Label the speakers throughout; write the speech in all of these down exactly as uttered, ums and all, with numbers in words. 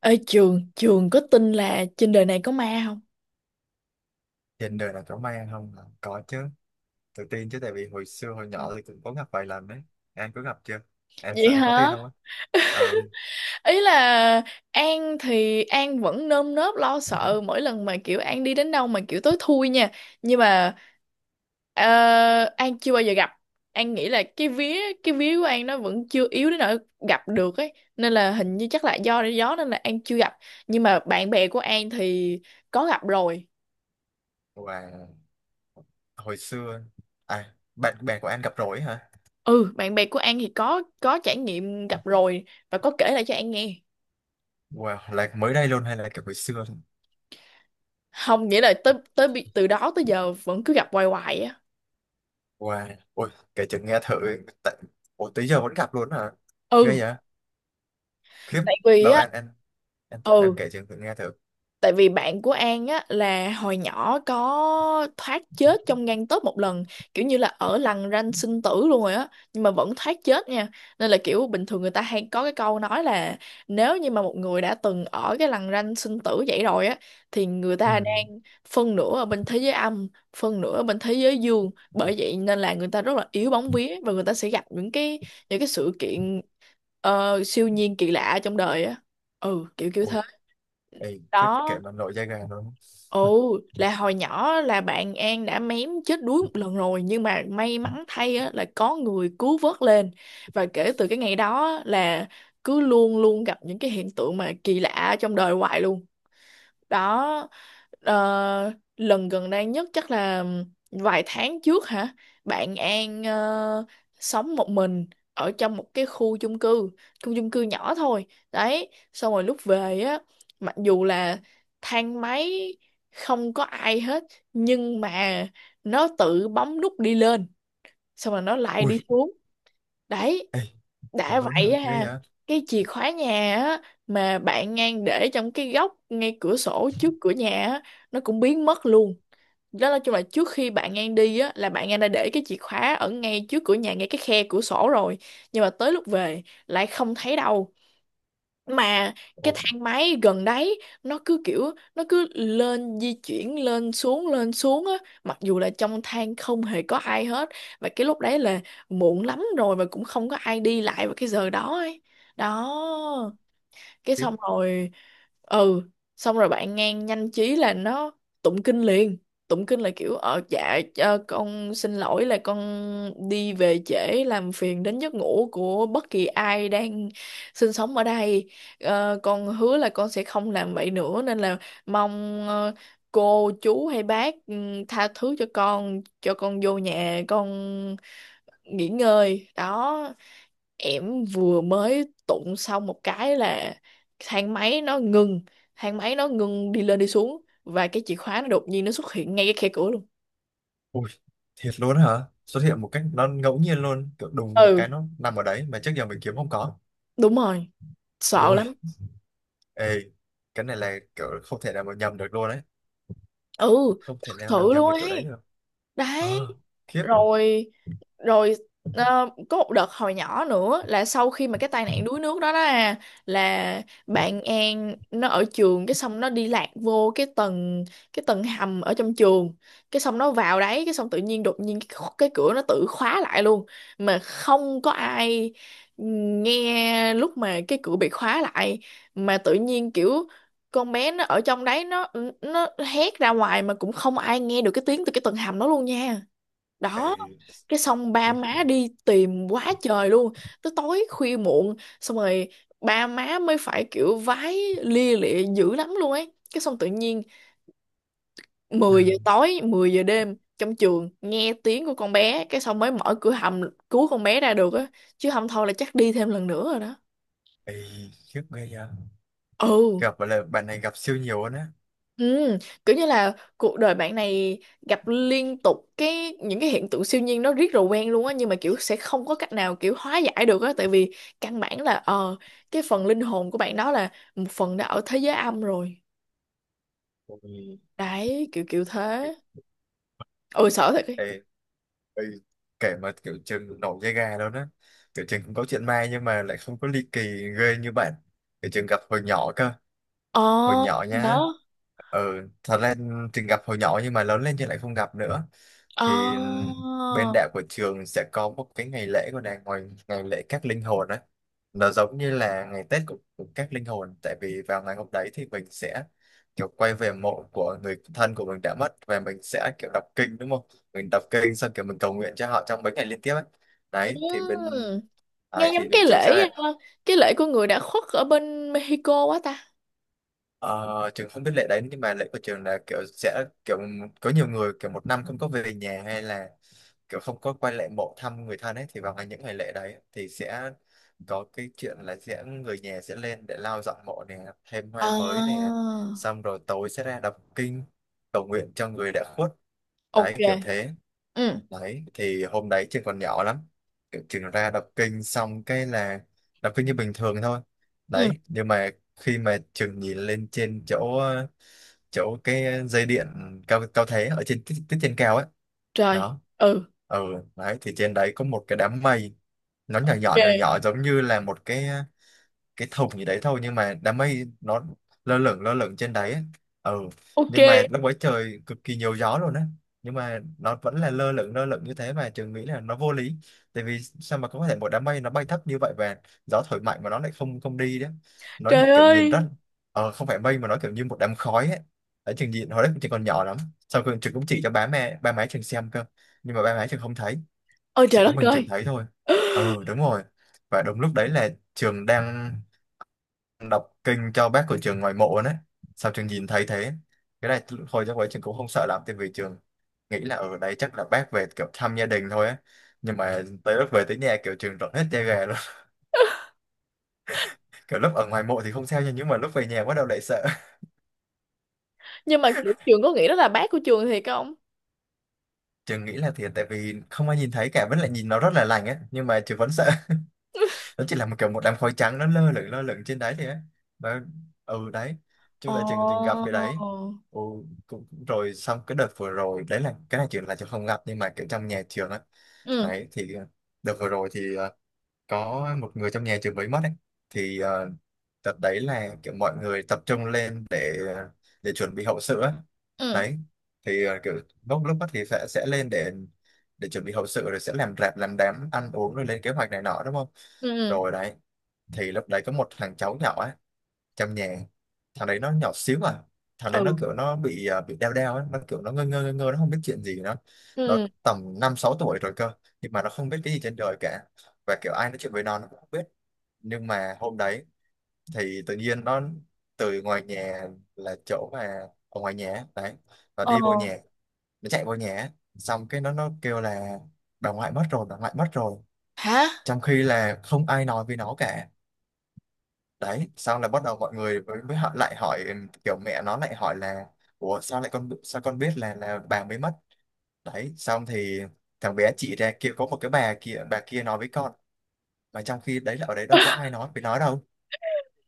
Speaker 1: Ở trường trường có tin là trên đời này có ma không?
Speaker 2: Trên đời nào có may ăn không hả? Có chứ, tự tin chứ, tại vì hồi xưa hồi nhỏ thì cũng có gặp vài lần đấy. Em có gặp chưa? Em
Speaker 1: Vậy
Speaker 2: sợ em có
Speaker 1: hả?
Speaker 2: tin không á? Ừ.
Speaker 1: Ý là An thì An vẫn nơm nớp lo sợ mỗi lần mà kiểu An đi đến đâu mà kiểu tối thui nha, nhưng mà ờ, An chưa bao giờ gặp. An nghĩ là cái vía cái vía của An nó vẫn chưa yếu đến nỗi gặp được ấy, nên là hình như chắc là do gió nên là An chưa gặp. Nhưng mà bạn bè của An thì có gặp rồi.
Speaker 2: Và hồi xưa, à bạn bè của anh gặp rồi hả?
Speaker 1: Ừ, bạn bè của An thì có có trải nghiệm gặp rồi, và có kể lại cho An nghe.
Speaker 2: Wow, là mới đây luôn hay là kiểu hồi xưa thôi?
Speaker 1: Không, nghĩa là tới tới bi- từ đó tới giờ vẫn cứ gặp hoài hoài á.
Speaker 2: Wow, ôi kể chừng nghe thử. Tại, ủa tới giờ vẫn gặp luôn hả?
Speaker 1: Ừ,
Speaker 2: Ghê vậy. Khiếp.
Speaker 1: tại vì
Speaker 2: Đâu
Speaker 1: á.
Speaker 2: anh anh anh tự- em
Speaker 1: Ừ.
Speaker 2: kể chừng thử nghe thử.
Speaker 1: Tại vì bạn của An á là hồi nhỏ có thoát chết trong gang tấc một lần, kiểu như là ở lằn ranh sinh tử luôn rồi á, nhưng mà vẫn thoát chết nha. Nên là kiểu bình thường người ta hay có cái câu nói là, nếu như mà một người đã từng ở cái lằn ranh sinh tử vậy rồi á thì người
Speaker 2: Ừ.
Speaker 1: ta đang phân nửa ở bên thế giới âm, phân nửa ở bên thế giới dương. Bởi vậy nên là người ta rất là yếu bóng vía, và người ta sẽ gặp những cái những cái sự kiện ờ, siêu nhiên kỳ lạ trong đời á. Ừ, kiểu kiểu
Speaker 2: Ồ.
Speaker 1: thế.
Speaker 2: Ê, khiếp, kể
Speaker 1: Đó.
Speaker 2: mà nổi da gà luôn.
Speaker 1: Ồ, là hồi nhỏ là bạn An đã mém chết đuối một lần rồi, nhưng mà may mắn thay á, là có người cứu vớt lên, và kể từ cái ngày đó á, là cứ luôn luôn gặp những cái hiện tượng mà kỳ lạ trong đời hoài luôn. Đó. Ờ, lần gần đây nhất chắc là vài tháng trước hả. Bạn An ờ, sống một mình ở trong một cái khu chung cư, khu chung cư nhỏ thôi. Đấy xong rồi lúc về á, mặc dù là thang máy không có ai hết, nhưng mà nó tự bấm nút đi lên, xong rồi nó lại
Speaker 2: Ui.
Speaker 1: đi xuống. Đấy,
Speaker 2: Ê, thật
Speaker 1: đã
Speaker 2: luôn hả?
Speaker 1: vậy
Speaker 2: Ghê
Speaker 1: ha,
Speaker 2: vậy.
Speaker 1: cái chìa khóa nhà á, mà bạn ngang để trong cái góc ngay cửa sổ trước cửa nhà á, nó cũng biến mất luôn. Đó là chung là trước khi bạn ngang đi á là bạn ngang đã để cái chìa khóa ở ngay trước cửa nhà ngay cái khe cửa sổ rồi, nhưng mà tới lúc về lại không thấy đâu. Mà cái
Speaker 2: Ồ.
Speaker 1: thang máy gần đấy nó cứ kiểu nó cứ lên di chuyển lên xuống lên xuống á, mặc dù là trong thang không hề có ai hết. Và cái lúc đấy là muộn lắm rồi mà cũng không có ai đi lại vào cái giờ đó ấy. Đó, cái
Speaker 2: Khiếp.
Speaker 1: xong rồi. Ừ. Xong rồi bạn ngang nhanh trí là nó tụng kinh liền. Tụng kinh là kiểu ờ dạ ờ, con xin lỗi là con đi về trễ làm phiền đến giấc ngủ của bất kỳ ai đang sinh sống ở đây. Ờ, con hứa là con sẽ không làm vậy nữa, nên là mong ờ, cô chú hay bác, ừ, tha thứ cho con, cho con vô nhà con nghỉ ngơi. Đó, em vừa mới tụng xong một cái là thang máy nó ngừng, thang máy nó ngừng đi lên đi xuống, và cái chìa khóa nó đột nhiên nó xuất hiện ngay cái khe cửa luôn.
Speaker 2: Ui, thiệt luôn hả? Xuất hiện một cách nó ngẫu nhiên luôn, kiểu đùng một cái
Speaker 1: Ừ,
Speaker 2: nó nằm ở đấy mà trước giờ mình kiếm không có.
Speaker 1: đúng rồi, sợ lắm.
Speaker 2: Ui. Ê, cái này là kiểu không thể nào mà nhầm được luôn đấy.
Speaker 1: Ừ,
Speaker 2: Không thể
Speaker 1: thật
Speaker 2: nào mà
Speaker 1: sự luôn
Speaker 2: nhầm được kiểu đấy
Speaker 1: ấy.
Speaker 2: được.
Speaker 1: Đấy.
Speaker 2: Ờ, khiếp.
Speaker 1: Rồi, rồi, ờ, có một đợt hồi nhỏ nữa là sau khi mà cái tai nạn đuối nước đó đó à, là bạn An nó ở trường, cái xong nó đi lạc vô cái tầng, cái tầng hầm ở trong trường. Cái xong nó vào đấy cái xong tự nhiên đột nhiên cái, kho- cái cửa nó tự khóa lại luôn mà không có ai nghe lúc mà cái cửa bị khóa lại. Mà tự nhiên kiểu con bé nó ở trong đấy nó nó hét ra ngoài mà cũng không ai nghe được cái tiếng từ cái tầng hầm đó luôn nha.
Speaker 2: Ê,
Speaker 1: Đó, cái xong ba
Speaker 2: khiếp.
Speaker 1: má đi tìm quá trời luôn, tới tối khuya muộn, xong rồi ba má mới phải kiểu vái lia lịa dữ lắm luôn ấy. Cái xong tự nhiên
Speaker 2: Ừ.
Speaker 1: mười giờ tối, mười giờ đêm trong trường nghe tiếng của con bé, cái xong mới mở cửa hầm cứu con bé ra được á, chứ không thôi là chắc đi thêm lần nữa rồi đó.
Speaker 2: Ê, khiếp ghê vậy.
Speaker 1: Ừ.
Speaker 2: Gặp là bạn này gặp siêu nhiều luôn á.
Speaker 1: Ừ, kiểu như là cuộc đời bạn này gặp liên tục cái những cái hiện tượng siêu nhiên nó riết rồi quen luôn á, nhưng mà kiểu sẽ không có cách nào kiểu hóa giải được á, tại vì căn bản là ờ cái phần linh hồn của bạn đó là một phần đã ở thế giới âm rồi.
Speaker 2: Ôi.
Speaker 1: Đấy kiểu kiểu thế. Ôi sợ thật ấy.
Speaker 2: Ê, ê, kể mà kiểu trường nổi da gà luôn á. Kiểu trường cũng có chuyện ma nhưng mà lại không có ly kỳ ghê như bạn. Kiểu trường gặp hồi nhỏ cơ. Hồi
Speaker 1: Ờ.
Speaker 2: nhỏ nhá.
Speaker 1: Đó.
Speaker 2: Ừ, thật ra từng gặp hồi nhỏ nhưng mà lớn lên thì lại không gặp nữa.
Speaker 1: Ờ.
Speaker 2: Thì bên đạo của trường sẽ có một cái ngày lễ của đàng ngoài, ngày lễ các linh hồn á, nó giống như là ngày Tết của, của các linh hồn, tại vì vào ngày hôm đấy thì mình sẽ kiểu quay về mộ của người thân của mình đã mất và mình sẽ kiểu đọc kinh đúng không, mình đọc kinh xong kiểu mình cầu nguyện cho họ trong mấy ngày liên tiếp ấy. Đấy thì
Speaker 1: Ừ.
Speaker 2: bên,
Speaker 1: Nghe
Speaker 2: đấy
Speaker 1: giống
Speaker 2: thì
Speaker 1: cái
Speaker 2: bên trường
Speaker 1: lễ,
Speaker 2: sẽ,
Speaker 1: ờ, cái lễ của người đã khuất ở bên Mexico quá ta.
Speaker 2: ờ trường không biết lễ đấy nhưng mà lễ của trường là kiểu sẽ kiểu có nhiều người kiểu một năm không có về nhà hay là kiểu không có quay lại mộ thăm người thân ấy, thì vào ngày những ngày lễ đấy thì sẽ có cái chuyện là sẽ người nhà sẽ lên để lau dọn mộ nè, thêm hoa
Speaker 1: Ờ.
Speaker 2: mới nè, xong rồi tối sẽ ra đọc kinh cầu nguyện cho người đã khuất. Đấy,
Speaker 1: Ok.
Speaker 2: kiểu thế.
Speaker 1: Ừ.
Speaker 2: Đấy thì hôm đấy trường còn nhỏ lắm. Kiểu trường ra đọc kinh xong cái là đọc kinh như bình thường thôi.
Speaker 1: Ừ.
Speaker 2: Đấy nhưng mà khi mà trường nhìn lên trên chỗ ờ, chỗ cái dây điện cao cao thế ở trên tiết tiết trên cao ấy.
Speaker 1: Trời.
Speaker 2: Đó.
Speaker 1: Ừ.
Speaker 2: Ừ. Đấy thì trên đấy có một cái đám mây, nó nhỏ nhỏ nhỏ
Speaker 1: Ok,
Speaker 2: nhỏ giống như là một cái cái thùng gì đấy thôi nhưng mà đám mây nó lơ lửng lơ lửng trên đấy ấy. Ừ.
Speaker 1: ok.
Speaker 2: Nhưng mà lúc ấy trời cực kỳ nhiều gió luôn á, nhưng mà nó vẫn là lơ lửng lơ lửng như thế mà trường nghĩ là nó vô lý, tại vì sao mà có thể một đám mây nó bay thấp như vậy và gió thổi mạnh mà nó lại không không đi đấy. Nó như
Speaker 1: Trời
Speaker 2: kiểu nhìn
Speaker 1: ơi.
Speaker 2: rất, ờ, không phải mây mà nó kiểu như một đám khói ấy. Ở trường nhìn hồi đấy trường còn nhỏ lắm, sau khi trường cũng chỉ cho ba mẹ, ba má trường xem cơ, nhưng mà ba má trường không thấy,
Speaker 1: Ôi
Speaker 2: chỉ
Speaker 1: trời
Speaker 2: có
Speaker 1: đất
Speaker 2: mình trường
Speaker 1: ơi.
Speaker 2: thấy thôi. Ừ đúng rồi. Và đúng lúc đấy là trường đang đọc kinh cho bác của trường ngoài mộ đấy, sao trường nhìn thấy thế. Cái này hồi chắc ấy trường cũng không sợ lắm, tại vì trường nghĩ là ở đấy chắc là bác về kiểu thăm gia đình thôi á, nhưng mà tới lúc về tới nhà kiểu trường rợn hết da gà luôn. Kiểu lúc ở ngoài mộ thì không sao nha nhưng mà lúc về nhà bắt đầu lại sợ.
Speaker 1: Nhưng mà kiểu trường có nghĩ đó là bác của trường thiệt không?
Speaker 2: Trường nghĩ là thiệt, tại vì không ai nhìn thấy cả vẫn lại nhìn nó rất là lành á, nhưng mà trường vẫn sợ. Nó chỉ là một kiểu một đám khói trắng nó lơ lửng lơ lửng trên đấy thì ấy. Nó, ừ đấy,
Speaker 1: Ồ.
Speaker 2: chung là trường từng gặp cái đấy. Ừ, cũng rồi, xong cái đợt vừa rồi đấy là cái này trường là trường không gặp nhưng mà kiểu trong nhà trường á.
Speaker 1: Ừ,
Speaker 2: Đấy thì ờ, đợt vừa rồi thì ờ, có một người trong nhà trường mới mất ấy, thì ờ, đợt đấy là kiểu mọi người tập trung lên để ờ, để chuẩn bị hậu sự á.
Speaker 1: ừ,
Speaker 2: Đấy thì ờ, kiểu lúc lúc đó thì sẽ sẽ lên để để chuẩn bị hậu sự rồi sẽ làm rạp làm đám ăn uống rồi lên kế hoạch này nọ đúng không.
Speaker 1: ừ,
Speaker 2: Rồi đấy thì lúc đấy có một thằng cháu nhỏ á, trong nhà. Thằng đấy nó nhỏ xíu à. Thằng đấy
Speaker 1: ừ,
Speaker 2: nó kiểu nó bị à, bị đeo đeo ấy, nó kiểu nó ngơ ngơ ngơ ngơ, nó không biết chuyện gì nó. Nó
Speaker 1: ừ.
Speaker 2: tầm năm sáu tuổi rồi cơ, nhưng mà nó không biết cái gì trên đời cả, và kiểu ai nói chuyện với nó nó cũng không biết. Nhưng mà hôm đấy thì tự nhiên nó từ ngoài nhà, là chỗ mà ở ngoài nhà á, đấy, nó
Speaker 1: Ờ.
Speaker 2: đi vô nhà, nó chạy vô nhà á, xong cái nó nó kêu là bà ngoại mất rồi bà ngoại mất rồi,
Speaker 1: Hả?
Speaker 2: trong khi là không ai nói với nó cả. Đấy sau là bắt đầu mọi người mới, mới họ lại hỏi, ừ kiểu mẹ nó lại hỏi là ủa sao lại con, sao con biết là là bà mới mất. Đấy xong thì thằng bé chỉ ra kia có một cái bà kia, bà kia nói với con, mà trong khi đấy là ở đấy đâu có ai nói với nó đâu.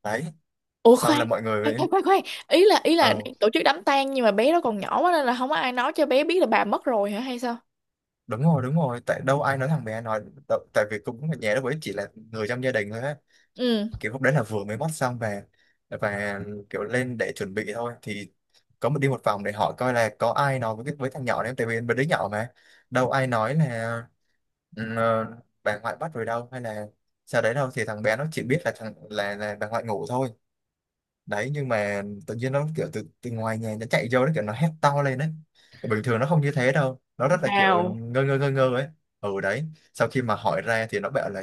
Speaker 2: Đấy
Speaker 1: Ủa
Speaker 2: sau
Speaker 1: khoan.
Speaker 2: là mọi
Speaker 1: Khoan,
Speaker 2: người mới,
Speaker 1: khoan, khoan, khoan. Ý là, ý là
Speaker 2: ờ
Speaker 1: đang tổ chức đám tang nhưng mà bé đó còn nhỏ quá nên là không có ai nói cho bé biết là bà mất rồi hả hay sao?
Speaker 2: đúng rồi đúng rồi, tại đâu ai nói, thằng bé nói đâu, tại vì cũng ở nhà lúc ấy chỉ là người trong gia đình thôi á.
Speaker 1: Ừ.
Speaker 2: Kiểu lúc đấy là vừa mới mót xong về, và kiểu lên để chuẩn bị thôi, thì có một đi một vòng để hỏi coi là có ai nói với cái- với thằng nhỏ đấy, tại vì bên đứa nhỏ mà. Đâu ai nói là, ừ, ờ, bà ngoại bắt rồi đâu, hay là sau đấy đâu, thì thằng bé nó chỉ biết là thằng là, là bà ngoại ngủ thôi. Đấy nhưng mà tự nhiên nó kiểu từ từ ngoài nhà nó chạy vô, nó kiểu nó hét to lên đấy, bình thường nó không như thế đâu, nó rất là kiểu
Speaker 1: Wow.
Speaker 2: ngơ ngơ ngơ ngơ ấy. Ừ đấy, sau khi mà hỏi ra thì nó bảo là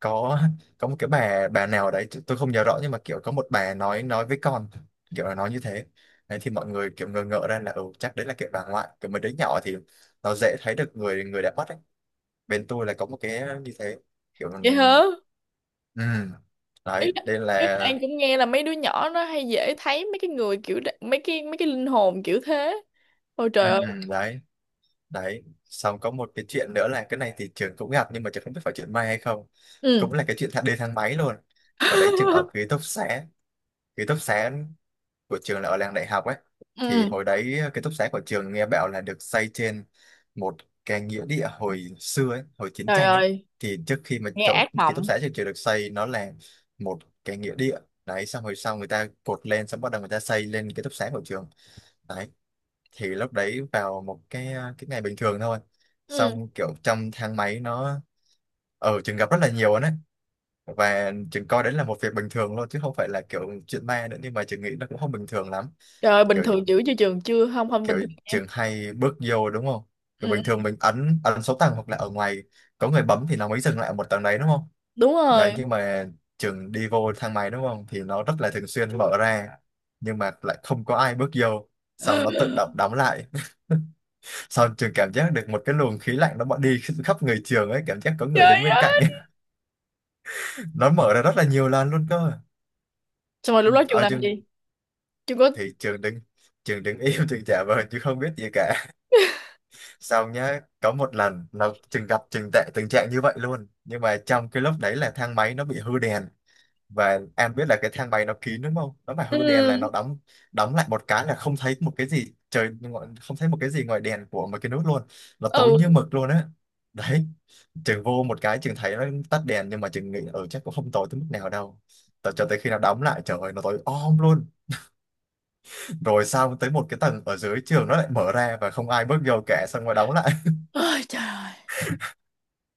Speaker 2: có có một cái bà bà nào đấy t- tôi không nhớ rõ, nhưng mà kiểu có một bà nói nói với con, kiểu là nói như thế. Đấy thì mọi người kiểu ngờ ngợ ra là ừ chắc đấy là kiểu bà ngoại, kiểu mấy đứa nhỏ thì nó dễ thấy được người người đã mất ấy. Bên tôi là có một cái như thế, kiểu.
Speaker 1: Vậy hả?
Speaker 2: Ừ
Speaker 1: Ý
Speaker 2: đấy,
Speaker 1: là,
Speaker 2: đây
Speaker 1: ý
Speaker 2: là.
Speaker 1: là An cũng nghe là mấy đứa nhỏ nó hay dễ thấy mấy cái người kiểu đ- mấy cái mấy cái linh hồn kiểu thế. Ôi
Speaker 2: Ừ,
Speaker 1: trời ơi.
Speaker 2: ừ, đấy. Đấy xong có một cái chuyện nữa là cái này thì trường cũng gặp nhưng mà trường không biết phải chuyện may hay không,
Speaker 1: Ừ.
Speaker 2: cũng là cái chuyện thang- đi thang máy luôn. Và đấy trường ở ký túc xá, ký túc xá của trường là ở làng đại học ấy. Thì
Speaker 1: Ừ,
Speaker 2: hồi đấy ký túc xá của trường nghe bảo là được xây trên một cái nghĩa địa hồi xưa ấy, hồi chiến
Speaker 1: trời
Speaker 2: tranh ấy.
Speaker 1: ơi
Speaker 2: Thì trước khi mà
Speaker 1: nghe
Speaker 2: chỗ
Speaker 1: ác
Speaker 2: ký túc
Speaker 1: mộng.
Speaker 2: xá trường trường được xây nó là một cái nghĩa địa. Đấy xong rồi sau người ta cột lên xong bắt đầu người ta xây lên ký túc xá của trường. Đấy thì lúc đấy vào một cái cái ngày bình thường thôi,
Speaker 1: Ừ,
Speaker 2: xong kiểu trong thang máy nó, ở trường gặp rất là nhiều đấy, và trường coi đấy là một việc bình thường luôn chứ không phải là kiểu chuyện ma nữa, nhưng mà trường nghĩ nó cũng không bình thường lắm.
Speaker 1: trời ơi bình
Speaker 2: Kiểu,
Speaker 1: thường chữ chưa trường chưa không không bình
Speaker 2: kiểu
Speaker 1: thường nha.
Speaker 2: trường hay bước vô đúng không, kiểu
Speaker 1: Ừ,
Speaker 2: bình
Speaker 1: ừ,
Speaker 2: thường mình ấn ấn số tầng hoặc là ở ngoài có người bấm thì nó mới dừng lại ở một tầng đấy đúng không.
Speaker 1: đúng rồi.
Speaker 2: Đấy nhưng mà trường đi vô thang máy đúng không thì nó rất là thường xuyên mở ra nhưng mà lại không có ai bước vô, xong nó tự động đóng lại. Xong trường cảm giác được một cái luồng khí lạnh nó bọn đi khắp người trường ấy, cảm giác có người
Speaker 1: Trời
Speaker 2: đứng bên cạnh
Speaker 1: ơi,
Speaker 2: ấy. Nó mở ra rất là nhiều lần luôn cơ.
Speaker 1: xong rồi lúc đó trường
Speaker 2: Ở
Speaker 1: làm
Speaker 2: trường
Speaker 1: gì, trường có?
Speaker 2: thì trường đứng, trường đứng im trường trả vờ chứ không biết gì cả. Xong nhá, có một lần nó trường gặp trường tệ tình trạng như vậy luôn. Nhưng mà trong cái lúc đấy là thang máy nó bị hư đèn, và em biết là cái thang máy nó kín đúng không, nó mà hư đèn
Speaker 1: Ừ.
Speaker 2: là nó đóng, đóng lại một cái là không thấy một cái gì, trời ngo- không thấy một cái gì ngoài đèn của một cái nút luôn, nó tối
Speaker 1: Ừ.
Speaker 2: như mực luôn á. Đấy trường vô một cái trường thấy nó tắt đèn, nhưng mà trường nghĩ ở chắc cũng không tối tới mức nào đâu. Tại cho tới khi nào đóng lại, trời ơi nó tối om luôn. Rồi sau tới một cái tầng ở dưới trường nó lại mở ra và không ai bước vô cả, xong rồi đóng lại.
Speaker 1: Ôi trời ơi,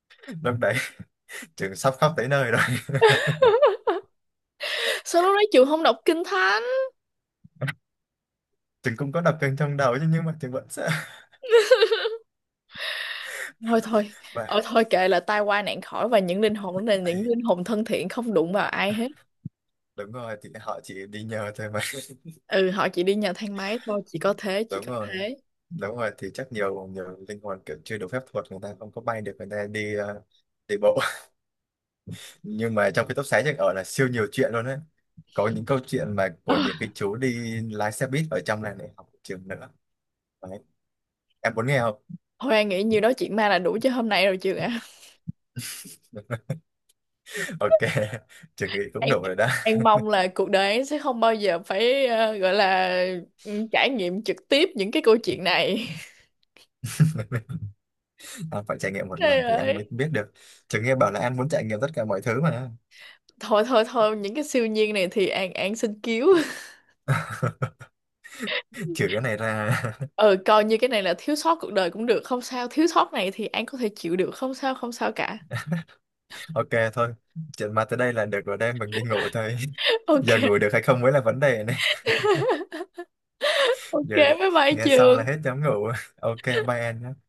Speaker 2: Lúc đấy trường sắp khóc tới nơi rồi.
Speaker 1: sao lúc đó trường không đọc kinh thánh?
Speaker 2: Trường cũng có đập chân trong đầu chứ, nhưng mà trường vẫn sợ.
Speaker 1: Thôi thôi. Ờ
Speaker 2: Và
Speaker 1: thôi kệ, là tai qua nạn khỏi, và những linh hồn đó là những
Speaker 2: ấy,
Speaker 1: linh hồn thân thiện, không đụng vào ai hết.
Speaker 2: đúng rồi, thì họ chỉ đi nhờ thôi mà.
Speaker 1: Ừ, họ chỉ đi nhờ thang máy thôi, chỉ có thế, chỉ
Speaker 2: Đúng
Speaker 1: có
Speaker 2: rồi,
Speaker 1: thế.
Speaker 2: đúng rồi, thì chắc nhiều nhiều linh hồn kiểu chưa đủ phép thuật, người ta không có bay được, người ta đi ờ, đi bộ. Nhưng mà trong cái tốc xá Trạch ở là siêu nhiều chuyện luôn đấy. Có những câu chuyện mà
Speaker 1: Ờ,
Speaker 2: của những cái chú đi lái xe buýt ở trong này, này học trường nữa. Đấy, em muốn nghe không?
Speaker 1: thôi An nghĩ nhiêu đó chuyện ma là đủ cho hôm nay rồi trường ạ.
Speaker 2: Ok, trường nghĩ cũng
Speaker 1: An,
Speaker 2: đủ rồi đó.
Speaker 1: An mong là cuộc đời An sẽ không bao giờ phải, ờ, gọi là, ừ, trải nghiệm trực tiếp những cái câu chuyện này.
Speaker 2: Anh phải trải nghiệm một
Speaker 1: Trời
Speaker 2: lần thì anh mới
Speaker 1: ơi.
Speaker 2: biết được. Trường nghe bảo là anh muốn trải nghiệm tất cả mọi thứ mà.
Speaker 1: Thôi thôi thôi, những cái siêu nhiên này thì An, An xin cứu.
Speaker 2: Trừ cái này ra.
Speaker 1: Ừ, coi như cái này là thiếu sót cuộc đời cũng được, không sao. Thiếu sót này thì An có thể chịu được, không sao, không sao cả.
Speaker 2: Ok thôi, chuyện ma tới đây là được rồi đây, mình đi ngủ thôi. Giờ ngủ được hay không mới là vấn đề.
Speaker 1: Ok,
Speaker 2: Giờ
Speaker 1: ok, bye bye
Speaker 2: nghe xong là hết
Speaker 1: trường.
Speaker 2: dám ngủ. Ok bye em nhé.